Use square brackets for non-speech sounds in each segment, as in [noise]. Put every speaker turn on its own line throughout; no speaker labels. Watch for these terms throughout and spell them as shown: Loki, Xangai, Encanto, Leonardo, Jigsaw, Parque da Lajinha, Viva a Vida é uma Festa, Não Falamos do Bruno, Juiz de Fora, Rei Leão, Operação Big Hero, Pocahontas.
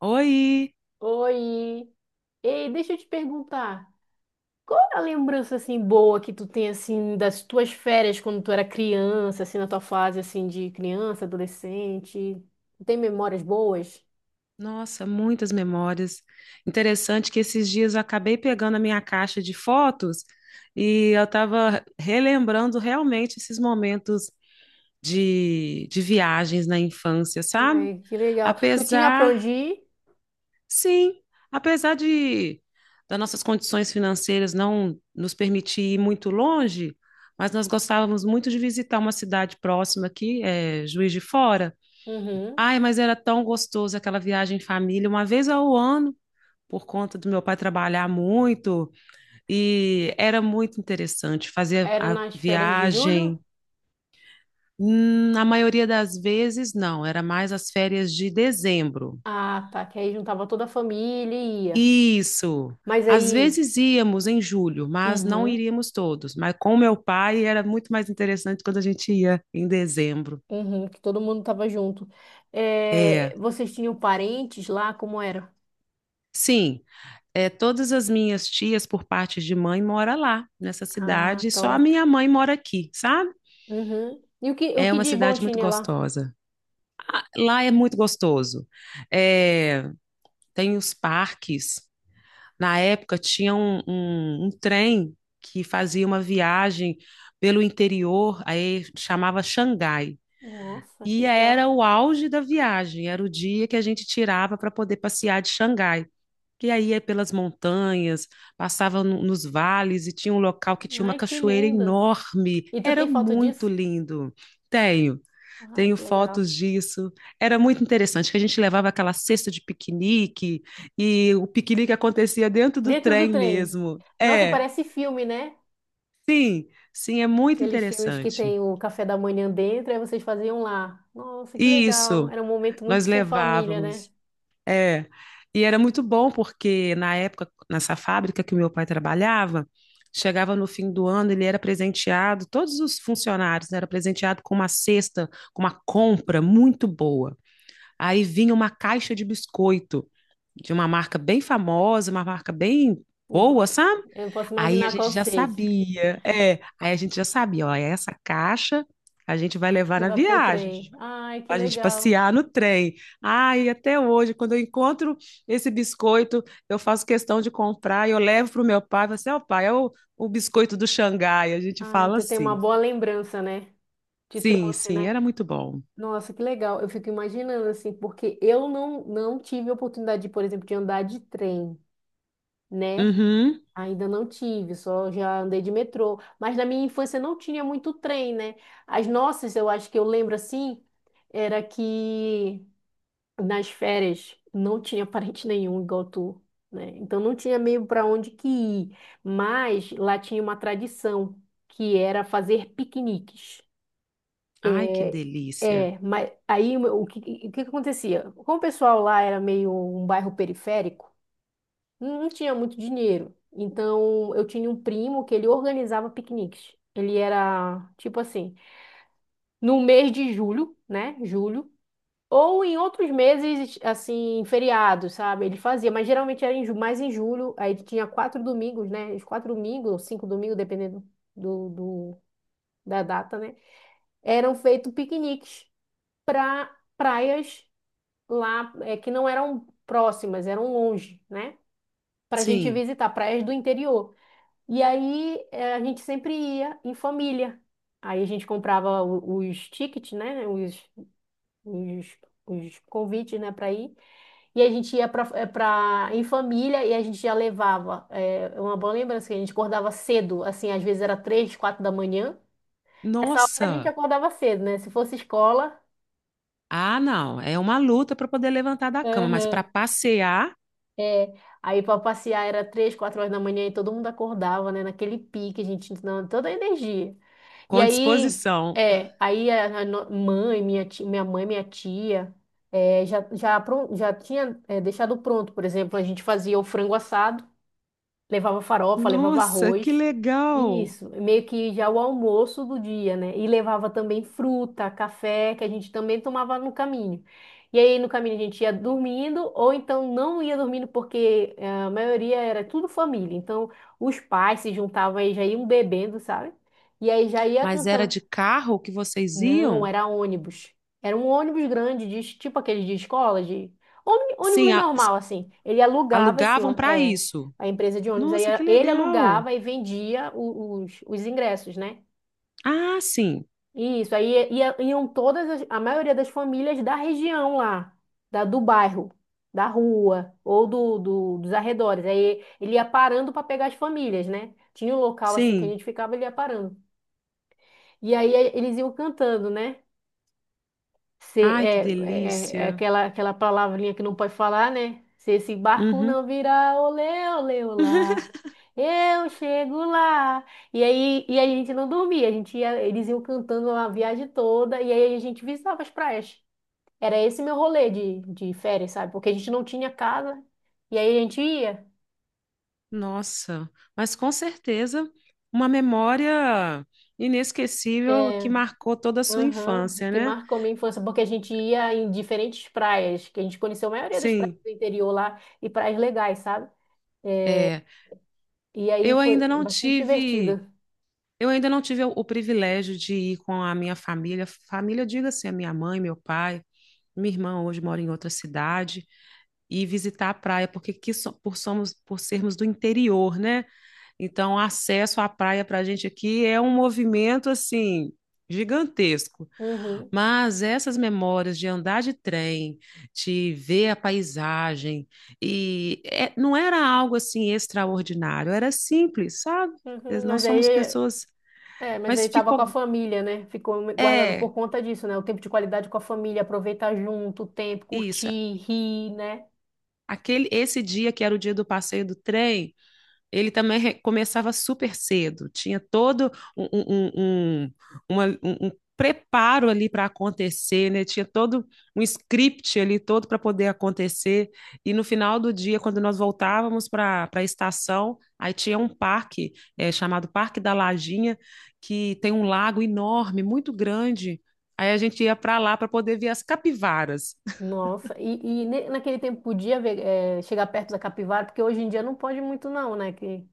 Oi!
Oi. Ei, deixa eu te perguntar, qual é a lembrança boa que tu tem das tuas férias quando tu era criança, assim na tua fase de criança, adolescente? Tu tem memórias boas?
Nossa, muitas memórias. Interessante que esses dias eu acabei pegando a minha caixa de fotos e eu estava relembrando realmente esses momentos de viagens na infância, sabe?
Ai, que legal. Tu tinha pra
Apesar,
onde ir?
sim, apesar de das nossas condições financeiras não nos permitir ir muito longe, mas nós gostávamos muito de visitar uma cidade próxima aqui, Juiz de Fora.
Uhum.
Ai, mas era tão gostoso aquela viagem em família, uma vez ao ano, por conta do meu pai trabalhar muito, e era muito interessante fazer
Era
a
nas férias de julho?
viagem. Hum. Na maioria das vezes, não, era mais as férias de dezembro.
Ah, tá, que aí juntava toda a família e ia.
Isso.
Mas
Às
aí,
vezes íamos em julho, mas não
uhum,
iríamos todos. Mas com meu pai era muito mais interessante quando a gente ia em dezembro.
uhum, que todo mundo tava junto.
É,
É, vocês tinham parentes lá, como era?
sim. Todas as minhas tias, por parte de mãe, mora lá, nessa
Ah,
cidade, e só a
top.
minha mãe mora aqui, sabe?
Uhum. E o
É
que
uma
de bom
cidade muito
tinha lá?
gostosa. Lá é muito gostoso. É, tem os parques. Na época tinha um trem que fazia uma viagem pelo interior, aí chamava Xangai.
Nossa, que
E era
legal.
o auge da viagem, era o dia que a gente tirava para poder passear de Xangai, que aí ia pelas montanhas, passava nos vales e tinha um local que tinha uma
Ai, que
cachoeira
linda.
enorme.
E tu
Era
tem foto
muito
disso?
lindo. Tenho,
Ai,
tenho
que legal.
fotos disso. Era muito interessante que a gente levava aquela cesta de piquenique e o piquenique acontecia dentro do
Dentro do
trem
trem.
mesmo.
Nossa,
É,
parece filme, né?
sim, sim, é muito
Aqueles filmes que
interessante.
tem o café da manhã dentro, aí vocês faziam lá. Nossa, que legal.
Isso,
Era um momento muito
nós
sem família, né?
levávamos. É. E era muito bom porque na época, nessa fábrica que o meu pai trabalhava, chegava no fim do ano, ele era presenteado, todos os funcionários né, era presenteado com uma cesta, com uma compra muito boa. Aí vinha uma caixa de biscoito de uma marca bem famosa, uma marca bem
Eu po-
boa, sabe?
eu não posso
Aí a
imaginar qual
gente já
seja.
sabia, é, aí a gente já sabia, ó, essa caixa a gente vai levar na
Levar pro
viagem,
trem. Ai, que
a gente
legal.
passear no trem. Ai, até hoje, quando eu encontro esse biscoito, eu faço questão de comprar e eu levo para o meu pai. Você, assim, ó, pai, o biscoito do Xangai. A gente
Ai,
fala
tu tem uma
assim.
boa lembrança, né? Te
Sim,
trouxe,
sim,
né?
era muito bom.
Nossa, que legal. Eu fico imaginando assim, porque eu não, não tive a oportunidade, por exemplo, de andar de trem, né?
Uhum.
Ainda não tive, só já andei de metrô. Mas na minha infância não tinha muito trem, né? As nossas, eu acho que eu lembro assim, era que nas férias não tinha [laughs] parente nenhum igual tu, né? Então não tinha meio para onde que ir. Mas lá tinha uma tradição, que era fazer piqueniques.
Ai, que delícia.
É, mas o que, o que acontecia? Como o pessoal lá era meio um bairro periférico, não tinha muito dinheiro. Então eu tinha um primo que ele organizava piqueniques. Ele era tipo assim, no mês de julho, né? Julho, ou em outros meses, assim, feriados, sabe? Ele fazia, mas geralmente era mais em julho. Aí tinha quatro domingos, né? Os quatro domingos, ou cinco domingos, dependendo do, do- da data, né? Eram feitos piqueniques para praias que não eram próximas, eram longe, né? Para a gente
Sim.
visitar praias do interior. E aí a gente sempre ia em família. Aí a gente comprava os tickets, né? Os, os convites, né? Para ir. E a gente ia para em família e a gente já levava. É uma boa lembrança que a gente acordava cedo, assim, às vezes era três, quatro da manhã. Nessa hora a gente
Nossa.
acordava cedo, né? Se fosse escola.
Ah, não. É uma luta para poder levantar da cama, mas para
Aham.
passear
É, aí para passear era três, quatro horas da manhã e todo mundo acordava, né? Naquele pique, a gente não, toda a energia. E
com
aí,
disposição.
aí a no- mãe, minha ti- minha mãe, minha tia, já tinha deixado pronto, por exemplo. A gente fazia o frango assado. Levava farofa, levava
Nossa, que
arroz.
legal.
Isso, meio que já o almoço do dia, né? E levava também fruta, café, que a gente também tomava no caminho. E aí no caminho a gente ia dormindo, ou então não ia dormindo, porque a maioria era tudo família. Então os pais se juntavam e já iam bebendo, sabe? E aí já ia
Mas era
cantando,
de carro que vocês
não,
iam?
era ônibus. Era um ônibus grande, de, tipo aqueles de escola, de
Sim,
ônibus normal, assim. Ele alugava
alugavam para isso.
a empresa de ônibus. Aí
Nossa, que
ele
legal!
alugava e vendia os ingressos, né?
Ah, sim,
Isso, aí iam todas, a maioria das famílias da região lá, do bairro, da rua, ou dos arredores. Aí ele ia parando para pegar as famílias, né? Tinha um local assim que a
sim.
gente ficava, ele ia parando. E aí eles iam cantando, né? ser,
Ai, que
é, é, é
delícia.
aquela, aquela palavrinha que não pode falar, né? Se esse barco
Uhum.
não virar, olê, olê,
[laughs]
olá, eu chego lá. E aí a gente não dormia, a gente ia, eles iam cantando a viagem toda, e aí a gente visitava as praias. Era esse meu rolê de férias, sabe? Porque a gente não tinha casa, e aí a gente ia.
Nossa, mas com certeza uma memória inesquecível que
É,
marcou toda a sua
aham,
infância,
que
né?
marcou minha infância, porque a gente ia em diferentes praias, que a gente conheceu a maioria das praias
Sim,
do interior lá, e praias legais, sabe?
é.
E aí
Eu
foi
ainda não
bastante divertido.
tive, eu ainda não tive o privilégio de ir com a minha família. Família, diga-se, a minha mãe, meu pai, minha irmã hoje mora em outra cidade, e visitar a praia, porque aqui por, somos, por sermos do interior, né? Então, acesso à praia para a gente aqui é um movimento assim gigantesco.
Uhum,
Mas essas memórias de andar de trem, de ver a paisagem, e não era algo assim extraordinário, era simples, sabe?
uhum.
Nós
Mas aí,
somos pessoas,
mas
mas
aí tava com a
ficou,
família, né? Ficou guardado por
é,
conta disso, né? O tempo de qualidade com a família, aproveitar junto o tempo,
isso.
curtir, rir, né?
Aquele, esse dia que era o dia do passeio do trem, ele também começava super cedo, tinha todo um preparo ali para acontecer, né? Tinha todo um script ali todo para poder acontecer. E no final do dia, quando nós voltávamos para a estação, aí tinha um parque chamado Parque da Lajinha, que tem um lago enorme, muito grande. Aí a gente ia para lá para poder ver as capivaras.
Nossa, naquele tempo podia ver, é, chegar perto da capivara, porque hoje em dia não pode muito não, né? Que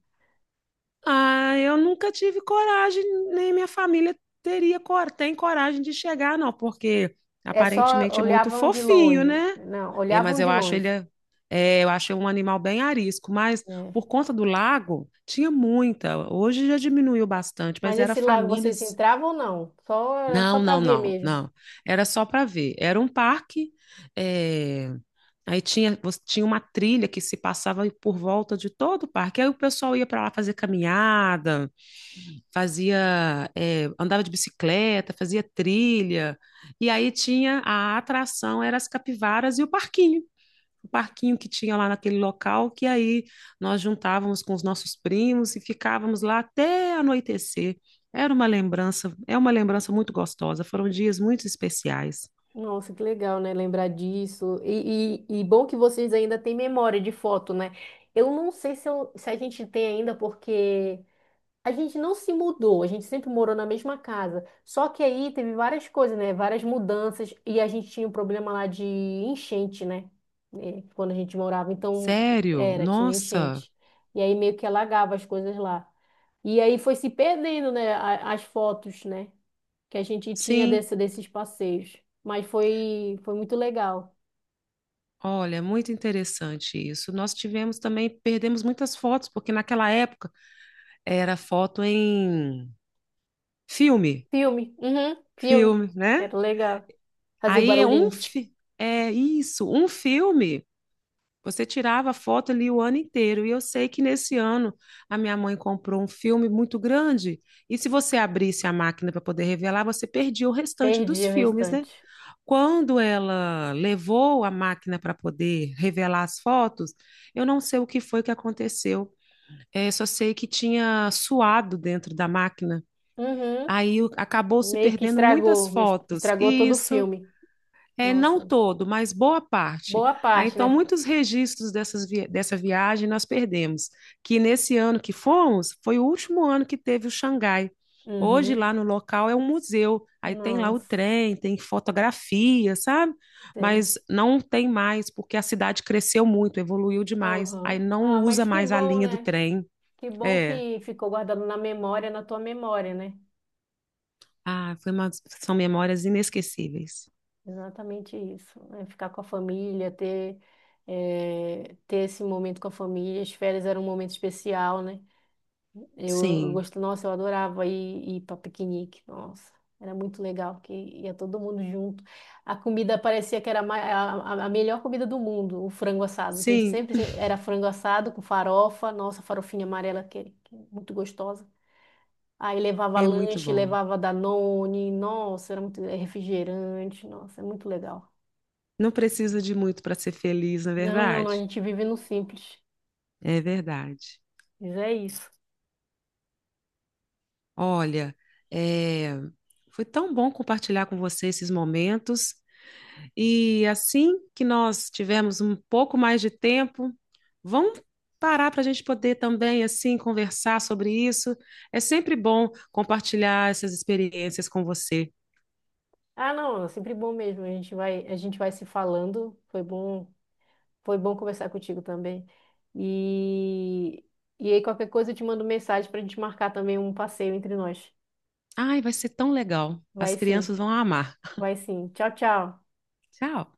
Ah, eu nunca tive coragem, nem minha família teria, tem coragem de chegar, não, porque
é só
aparentemente é muito
olhavam de
fofinho,
longe,
né?
né? Não,
É, mas
olhavam
eu
de
acho
longe,
ele, é, eu acho um animal bem arisco, mas
né?
por conta do lago, tinha muita. Hoje já diminuiu bastante,
Mas
mas era
esse lago vocês
famílias.
entravam ou não? Só, era só
Não,
para
não,
ver
não,
mesmo.
não. Era só para ver. Era um parque, é. Aí tinha, tinha uma trilha que se passava por volta de todo o parque. Aí o pessoal ia para lá fazer caminhada, fazia, andava de bicicleta, fazia trilha. E aí tinha a atração, eram as capivaras e o parquinho. O parquinho que tinha lá naquele local, que aí nós juntávamos com os nossos primos e ficávamos lá até anoitecer. Era uma lembrança, é uma lembrança muito gostosa. Foram dias muito especiais.
Nossa, que legal, né? Lembrar disso. E bom que vocês ainda têm memória de foto, né? Eu não sei se a gente tem ainda, porque a gente não se mudou, a gente sempre morou na mesma casa. Só que aí teve várias coisas, né? Várias mudanças, e a gente tinha um problema lá de enchente, né? É, quando a gente morava. Então,
Sério?
era, tinha
Nossa,
enchente. E aí meio que alagava as coisas lá. E aí foi se perdendo, né? As fotos, né? que a gente tinha
sim.
desses passeios. Mas foi, foi muito legal.
Olha, muito interessante isso. Nós tivemos também, perdemos muitas fotos, porque naquela época era foto em filme,
Filme, uhum, filme.
filme, né?
Era legal. Fazia o
Aí é um
barulhinho, tch.
é isso, um filme. Você tirava foto ali o ano inteiro. E eu sei que nesse ano a minha mãe comprou um filme muito grande. E se você abrisse a máquina para poder revelar, você perdia o restante
Perdi
dos
o
filmes, né?
restante.
Quando ela levou a máquina para poder revelar as fotos, eu não sei o que foi que aconteceu. É, só sei que tinha suado dentro da máquina.
Uhum.
Acabou se
Meio que
perdendo muitas fotos.
estragou todo o
Isso.
filme.
É,
Nossa,
não todo, mas boa parte.
boa
Ah,
parte, né?
então, muitos registros dessa viagem nós perdemos, que nesse ano que fomos, foi o último ano que teve o Xangai. Hoje,
Uhum.
lá no local, é um museu. Aí tem lá o
Nossa,
trem, tem fotografia, sabe?
sei.
Mas não tem mais, porque a cidade cresceu muito, evoluiu demais. Aí
Aham.
não
Ah, mas
usa
que
mais a
bom,
linha do
né?
trem.
Que bom
É.
que ficou guardado na memória, na tua memória, né?
Ah, são memórias inesquecíveis.
Exatamente isso, né? Ficar com a família, ter, ter esse momento com a família. As férias eram um momento especial, né? Eu
Sim,
gosto, nossa, eu adorava ir para piquenique, nossa, era muito legal, que ia todo mundo junto. A comida parecia que era a, ma- a melhor comida do mundo, o frango assado. A gente
sim,
sempre era frango assado com farofa, nossa, farofinha amarela, que é muito gostosa. Aí levava
é muito
lanche,
bom.
levava Danone, nossa, era muito é refrigerante, nossa, é muito legal.
Não precisa de muito para ser feliz, não é
Não, a
verdade?
gente vive no simples.
É verdade.
Mas é isso.
Olha, é, foi tão bom compartilhar com você esses momentos. E assim que nós tivermos um pouco mais de tempo, vamos parar para a gente poder também assim conversar sobre isso. É sempre bom compartilhar essas experiências com você.
Ah, não, é sempre bom mesmo. A gente vai se falando. Foi bom conversar contigo também. E, e aí qualquer coisa eu te mando mensagem para a gente marcar também um passeio entre nós.
Ai, vai ser tão legal. As
Vai sim,
crianças vão amar.
vai sim. Tchau, tchau.
Tchau.